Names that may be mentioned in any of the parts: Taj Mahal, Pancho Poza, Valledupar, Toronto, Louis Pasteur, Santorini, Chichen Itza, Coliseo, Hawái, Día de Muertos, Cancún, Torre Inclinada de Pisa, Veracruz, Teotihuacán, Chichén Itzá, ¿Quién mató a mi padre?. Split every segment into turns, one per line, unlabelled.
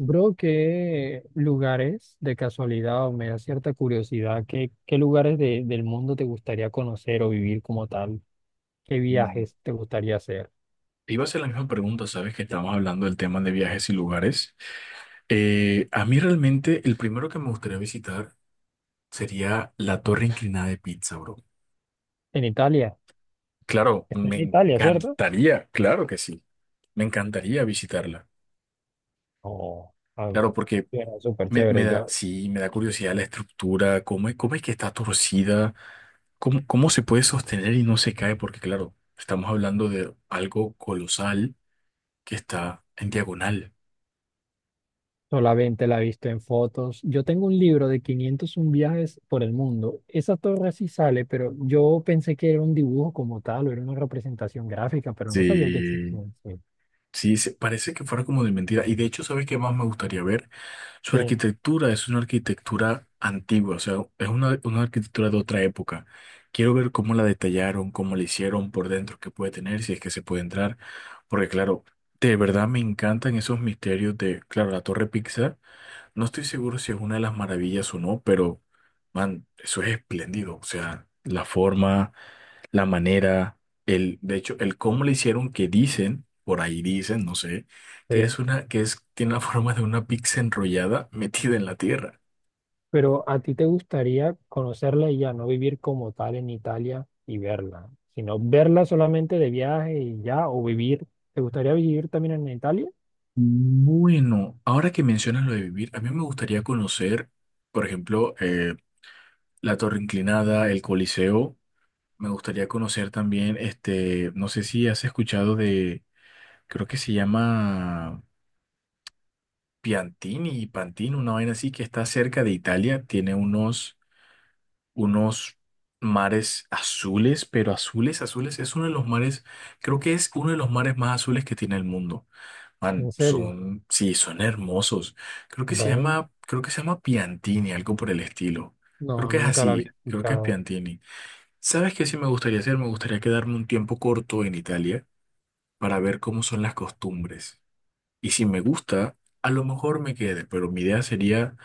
Bro, ¿qué lugares de casualidad o me da cierta curiosidad? ¿Qué lugares del mundo te gustaría conocer o vivir como tal? ¿Qué
Mm.
viajes te gustaría hacer?
Te iba a hacer la misma pregunta, sabes que estamos hablando del tema de viajes y lugares. A mí realmente el primero que me gustaría visitar sería la Torre Inclinada de Pizza, bro.
En Italia.
Claro,
Está
me
en Italia, ¿cierto?
encantaría, claro que sí. Me encantaría visitarla.
Oh, ah,
Claro, porque
era súper
me
chévere.
da,
Yo
sí, me da curiosidad la estructura, cómo, cómo es que está torcida, cómo se puede sostener y no se cae, porque claro, estamos hablando de algo colosal que está en diagonal.
solamente la he visto en fotos. Yo tengo un libro de 501 viajes por el mundo. Esa torre sí sale, pero yo pensé que era un dibujo como tal o era una representación gráfica, pero no sabía que
Sí.
existía. Sí.
Sí, parece que fuera como de mentira. Y de hecho, ¿sabes qué más me gustaría ver? Su
Sí.
arquitectura es una arquitectura antigua, o sea, es una arquitectura de otra época. Quiero ver cómo la detallaron, cómo la hicieron por dentro, qué puede tener, si es que se puede entrar. Porque claro, de verdad me encantan esos misterios de, claro, la Torre Pizza. No estoy seguro si es una de las maravillas o no, pero, man, eso es espléndido. O sea, la forma, la manera, el, de hecho, el cómo le hicieron que dicen, por ahí dicen, no sé, que es
Sí.
una, que es, tiene la forma de una pizza enrollada metida en la tierra.
Pero a ti te gustaría conocerla y ya no vivir como tal en Italia y verla, sino verla solamente de viaje y ya, o vivir. ¿Te gustaría vivir también en Italia?
Bueno, ahora que mencionas lo de vivir, a mí me gustaría conocer, por ejemplo, la Torre Inclinada, el Coliseo. Me gustaría conocer también, este, no sé si has escuchado de, creo que se llama Piantini y Pantini, una vaina así que está cerca de Italia, tiene unos, unos mares azules, pero azules, azules, es uno de los mares, creo que es uno de los mares más azules que tiene el mundo. Man,
¿En serio?
son, sí, son hermosos. Creo que se
Ve,
llama, creo que se llama Piantini, algo por el estilo. Creo
no,
que es
nunca la había
así, creo que es
escuchado.
Piantini. ¿Sabes qué sí me gustaría hacer? Me gustaría quedarme un tiempo corto en Italia para ver cómo son las costumbres. Y si me gusta, a lo mejor me quede, pero mi idea sería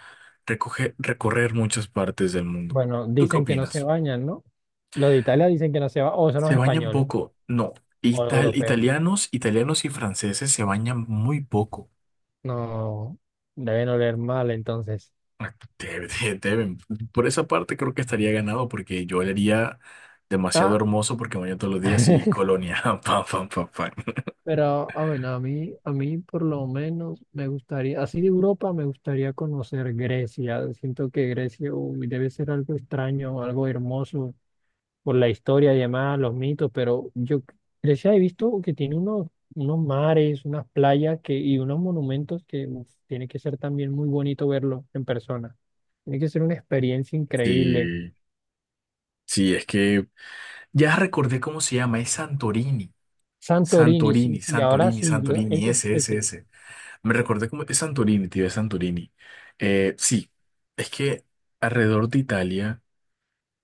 recorrer muchas partes del mundo.
Bueno,
¿Tú qué
dicen que no se
opinas?
bañan, ¿no? Los de Italia dicen que no se bañan, o son los
¿Se bañan
españoles,
poco? No.
o los europeos.
Italianos, italianos y franceses se bañan muy poco.
No, deben oler mal entonces.
Ah, deben. Por esa parte creo que estaría ganado porque yo le haría demasiado
Ah,
hermoso porque me baño todos los días y colonia. Pam, pam, pam, pam.
Pero, bueno, a mí por lo menos me gustaría, así de Europa me gustaría conocer Grecia. Siento que Grecia, uy, debe ser algo extraño, algo hermoso por la historia y demás, los mitos, pero yo Grecia he visto que tiene unos mares, unas playas que, y unos monumentos que uf, tiene que ser también muy bonito verlo en persona. Tiene que ser una experiencia increíble.
Sí, sí, es que ya recordé cómo se llama, es Santorini.
Santorini, sí,
Santorini,
sí, ahora
Santorini,
sí, yo,
Santorini,
eso es
ese,
de
ese,
que,
ese. Me recordé cómo es Santorini, tío, es Santorini. Sí, es que alrededor de Italia,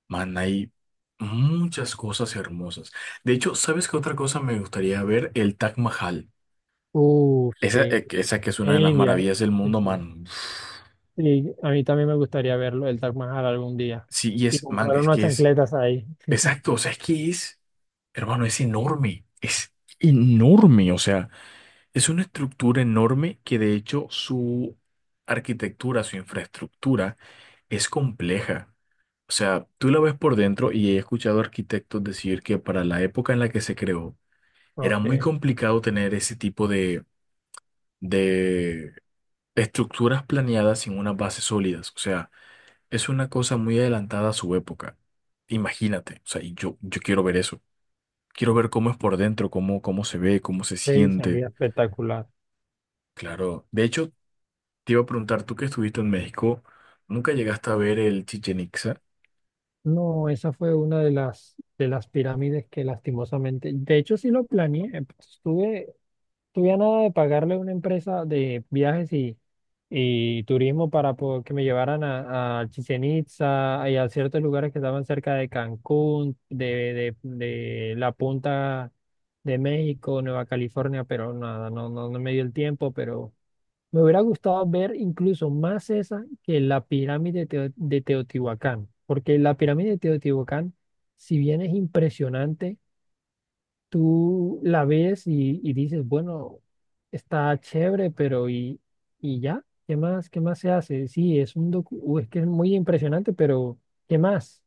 man, hay muchas cosas hermosas. De hecho, ¿sabes qué otra cosa me gustaría ver? El Taj Mahal.
uff,
Esa,
sí,
esa que es una
en
de las
India,
maravillas del
sí,
mundo,
sí.
man.
Y a mí también me gustaría verlo, el Taj Mahal algún día.
Sí, y
Y
es, man,
comprar
es
unas
que es,
chancletas ahí.
exacto, o sea, es que es, hermano, es enorme, o sea. Es una estructura enorme que de hecho su arquitectura, su infraestructura es compleja. O sea, tú la ves por dentro y he escuchado arquitectos decir que para la época en la que se creó era
Ok,
muy complicado tener ese tipo de, de estructuras planeadas sin unas bases sólidas. O sea, es una cosa muy adelantada a su época. Imagínate, o sea, y yo quiero ver eso. Quiero ver cómo es por dentro, cómo se ve, cómo se
sí,
siente.
sería espectacular.
Claro. De hecho, te iba a preguntar, tú que estuviste en México, ¿nunca llegaste a ver el Chichen Itza?
No, esa fue una de de las pirámides que lastimosamente, de hecho sí lo planeé, pues, estuve tuviera nada de pagarle a una empresa de viajes y turismo para que me llevaran a Chichén Itzá y a ciertos lugares que estaban cerca de Cancún, de la punta de México, Nueva California, pero nada, no me dio el tiempo, pero me hubiera gustado ver incluso más esa que la pirámide de, de Teotihuacán, porque la pirámide de Teotihuacán, si bien es impresionante, tú la ves y dices, bueno, está chévere, y ya, ¿qué más? ¿Qué más se hace? Sí, es un es que es muy impresionante, pero ¿qué más?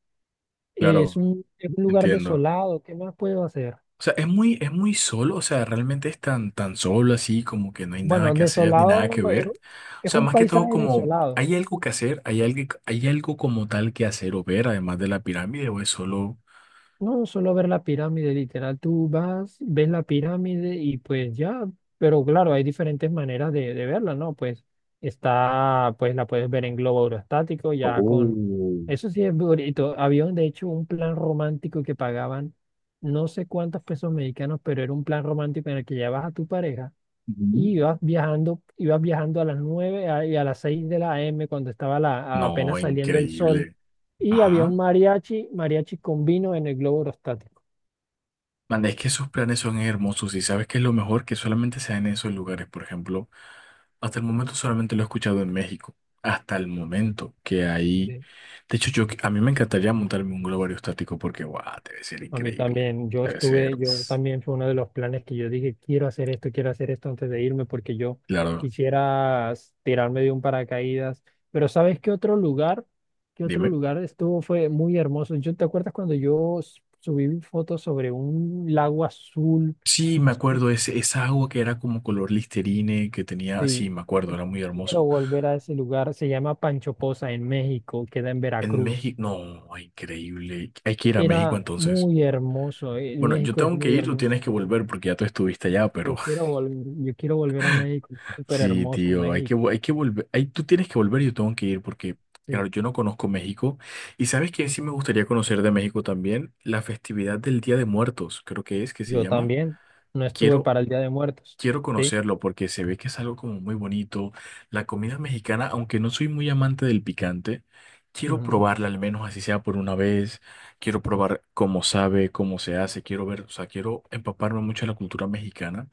Claro,
Es un lugar
entiendo.
desolado, ¿qué más puedo hacer?
O sea, es muy solo, o sea, realmente es tan, tan solo así, como que no hay nada
Bueno,
que hacer ni nada
desolado
que ver. O
es,
sea,
un
más que todo
paisaje
como,
desolado.
¿hay algo que hacer? Hay algo como tal que hacer o ver, además de la pirámide, o es solo...
No, solo ver la pirámide, literal, tú vas, ves la pirámide y pues ya, pero claro, hay diferentes maneras de verla, ¿no? Pues está, pues la puedes ver en globo aerostático, ya con,
Oh.
eso sí es bonito, había de hecho un plan romántico que pagaban no sé cuántos pesos mexicanos, pero era un plan romántico en el que llevabas a tu pareja
Ujú.
y ibas viajando a las 9 y a las 6 de la AM cuando estaba la,
No,
apenas saliendo el sol
increíble.
y había
Ajá.
un mariachi, mariachi con vino en el globo aerostático.
Manda, es que esos planes son hermosos y sabes que es lo mejor que solamente se dan en esos lugares. Por ejemplo, hasta el momento solamente lo he escuchado en México. Hasta el momento que ahí.
Sí.
De hecho, yo, a mí me encantaría montarme un globo aerostático porque, guau, debe ser
A mí
increíble.
también, yo
Debe ser.
estuve,
Uf.
yo también fue uno de los planes que yo dije, quiero hacer esto antes de irme porque yo
Claro,
quisiera tirarme de un paracaídas. Pero ¿sabes qué otro lugar? ¿Qué otro
dime.
lugar estuvo? Fue muy hermoso. ¿Yo te acuerdas cuando yo subí fotos sobre un lago azul?
Sí, me acuerdo, ese, esa agua que era como color Listerine, que tenía. Sí,
Sí,
me acuerdo,
yo
era muy
quiero
hermoso.
volver a ese lugar. Se llama Pancho Poza en México, queda en
En
Veracruz.
México, no, increíble. Hay que ir a México
Era
entonces.
muy hermoso.
Bueno, yo
México es
tengo que
muy
ir, tú
hermoso.
tienes que volver porque ya tú estuviste allá, pero.
Yo quiero volver a México. Es súper
Sí,
hermoso
tío, hay que,
México.
hay que volver, hay, tú tienes que volver y yo tengo que ir porque, claro,
Sí.
yo no conozco México y sabes que sí me gustaría conocer de México también la festividad del Día de Muertos, creo que es que se
Yo
llama.
también. No estuve
Quiero,
para el Día de Muertos.
quiero
Sí.
conocerlo porque se ve que es algo como muy bonito. La comida mexicana, aunque no soy muy amante del picante, quiero
Ujú.
probarla al menos así sea por una vez. Quiero probar cómo sabe, cómo se hace, quiero ver, o sea, quiero empaparme mucho en la cultura mexicana.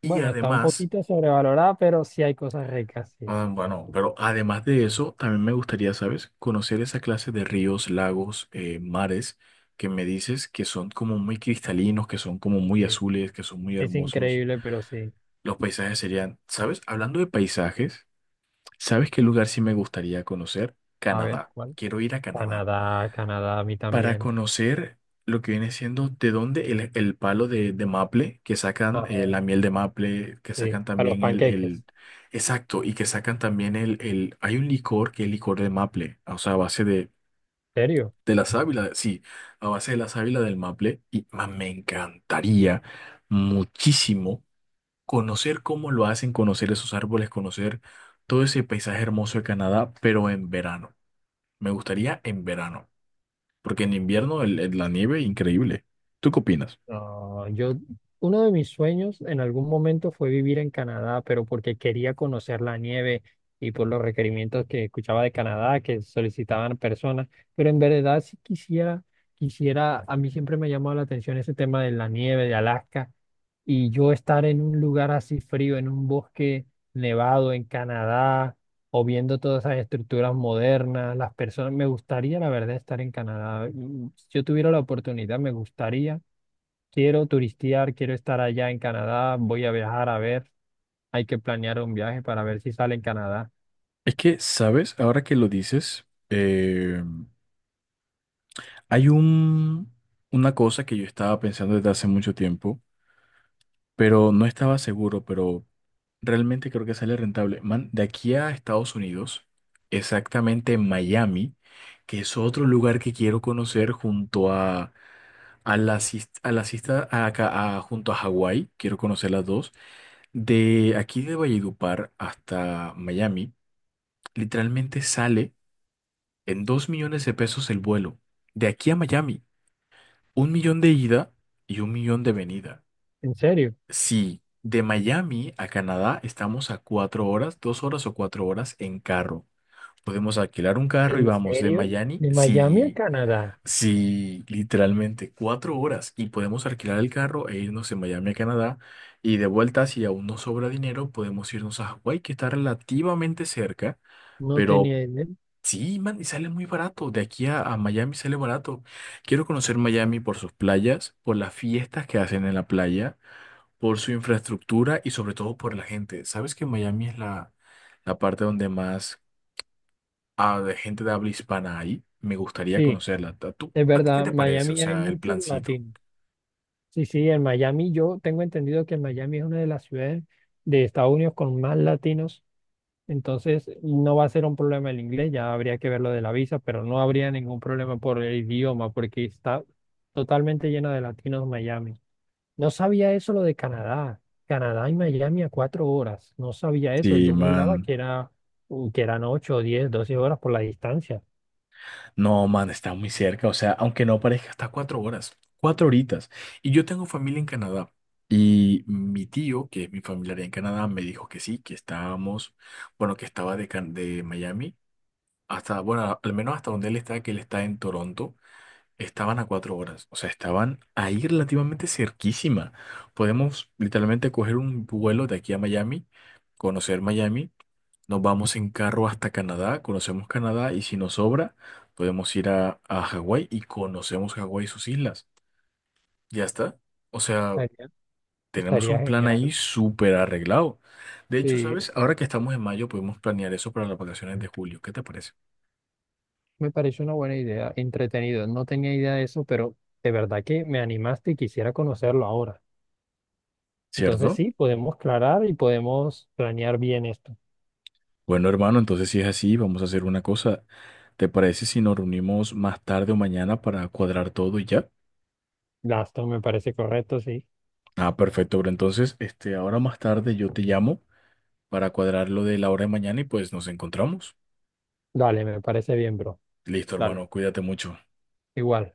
Y
Bueno, está un
además...
poquito sobrevalorada, pero sí hay cosas ricas. Sí.
Ah, bueno, pero además de eso, también me gustaría, ¿sabes? Conocer esa clase de ríos, lagos, mares que me dices que son como muy cristalinos, que son como muy
Sí.
azules, que son muy
Es
hermosos.
increíble, pero sí.
Los paisajes serían, ¿sabes? Hablando de paisajes, ¿sabes qué lugar sí me gustaría conocer?
A ver,
Canadá.
¿cuál?
Quiero ir a Canadá
Canadá, Canadá, a mí
para
también.
conocer lo que viene siendo de dónde el, palo de, maple, que sacan
Ajá,
la miel de maple, que
sí.
sacan
A los
también
panqueques.
el- exacto, y que sacan también el, hay un licor que es licor de maple, o sea, a base de,
¿En serio?
la sábila, sí, a base de la sábila del maple, y man, me encantaría muchísimo conocer cómo lo hacen, conocer esos árboles, conocer todo ese paisaje hermoso de Canadá, pero en verano. Me gustaría en verano. Porque en invierno la nieve, increíble. ¿Tú qué opinas?
Ah, yo, uno de mis sueños en algún momento fue vivir en Canadá, pero porque quería conocer la nieve y por los requerimientos que escuchaba de Canadá que solicitaban personas, pero en verdad sí quisiera, quisiera, a mí siempre me ha llamado la atención ese tema de la nieve de Alaska y yo estar en un lugar así frío, en un bosque nevado en Canadá o viendo todas esas estructuras modernas, las personas, me gustaría la verdad estar en Canadá. Si yo tuviera la oportunidad, me gustaría quiero turistear, quiero estar allá en Canadá, voy a viajar a ver, hay que planear un viaje para ver si sale en Canadá.
Es que, ¿sabes? Ahora que lo dices, hay un, una cosa que yo estaba pensando desde hace mucho tiempo, pero no estaba seguro, pero realmente creo que sale rentable. Man, de aquí a Estados Unidos, exactamente en Miami, que es otro lugar que quiero conocer junto a la, sis- a la sista- junto a Hawái, quiero conocer las dos. De aquí de Valledupar hasta Miami, literalmente sale en 2 millones de pesos el vuelo. De aquí a Miami, 1 millón de ida y 1 millón de venida.
¿En serio?
Sí, de Miami a Canadá estamos a 4 horas, 2 horas o 4 horas en carro. Podemos alquilar un carro y
¿En
vamos de
serio?
Miami,
¿De Miami a
sí,
Canadá?
sí, literalmente 4 horas y podemos alquilar el carro e irnos de Miami a Canadá y de vuelta si aún nos sobra dinero podemos irnos a Hawái que está relativamente cerca,
No
pero
tenía idea.
sí, man, y sale muy barato. De aquí a Miami sale barato. Quiero conocer Miami por sus playas, por las fiestas que hacen en la playa por su infraestructura y sobre todo por la gente. ¿Sabes que Miami es la parte donde más de gente de habla hispana hay? Me gustaría
Sí,
conocerla. ¿A
es
a ti qué
verdad,
te parece? O
Miami hay
sea, el
muchos
plancito.
latinos. Sí, sí, en Miami yo tengo entendido que Miami es una de las ciudades de Estados Unidos con más latinos, entonces no va a ser un problema el inglés, ya habría que ver lo de la visa, pero no habría ningún problema por el idioma porque está totalmente lleno de latinos Miami. No sabía eso lo de Canadá. Canadá y Miami a 4 horas. No sabía eso.
Sí,
Yo juraba
man.
que era, que eran 8, 10, 12 horas por la distancia.
No, man, está muy cerca. O sea, aunque no parezca, está a 4 horas, 4 horitas. Y yo tengo familia en Canadá. Y mi tío, que es mi familiar en Canadá, me dijo que sí, que estábamos, bueno, que estaba de, de Miami, hasta, bueno, al menos hasta donde él está, que él está en Toronto. Estaban a 4 horas, o sea, estaban ahí relativamente cerquísima. Podemos literalmente coger un vuelo de aquí a Miami, conocer Miami, nos vamos en carro hasta Canadá, conocemos Canadá y si nos sobra, podemos ir a, Hawái y conocemos Hawái y sus islas. Ya está. O sea,
Estaría,
tenemos
estaría
un plan ahí
genial.
súper arreglado. De hecho,
Sí,
¿sabes? Ahora que estamos en mayo, podemos planear eso para las vacaciones de julio. ¿Qué te parece?
me pareció una buena idea. Entretenido. No tenía idea de eso, pero de verdad que me animaste y quisiera conocerlo ahora. Entonces
¿Cierto?
sí, podemos aclarar y podemos planear bien esto.
Bueno, hermano, entonces si es así, vamos a hacer una cosa. ¿Te parece si nos reunimos más tarde o mañana para cuadrar todo y ya?
Gasto me parece correcto, sí.
Ah, perfecto, pero entonces, este, ahora más tarde yo te llamo para cuadrar lo de la hora de mañana y pues nos encontramos.
Dale, me parece bien, bro.
Listo, hermano,
Dale,
cuídate mucho.
igual.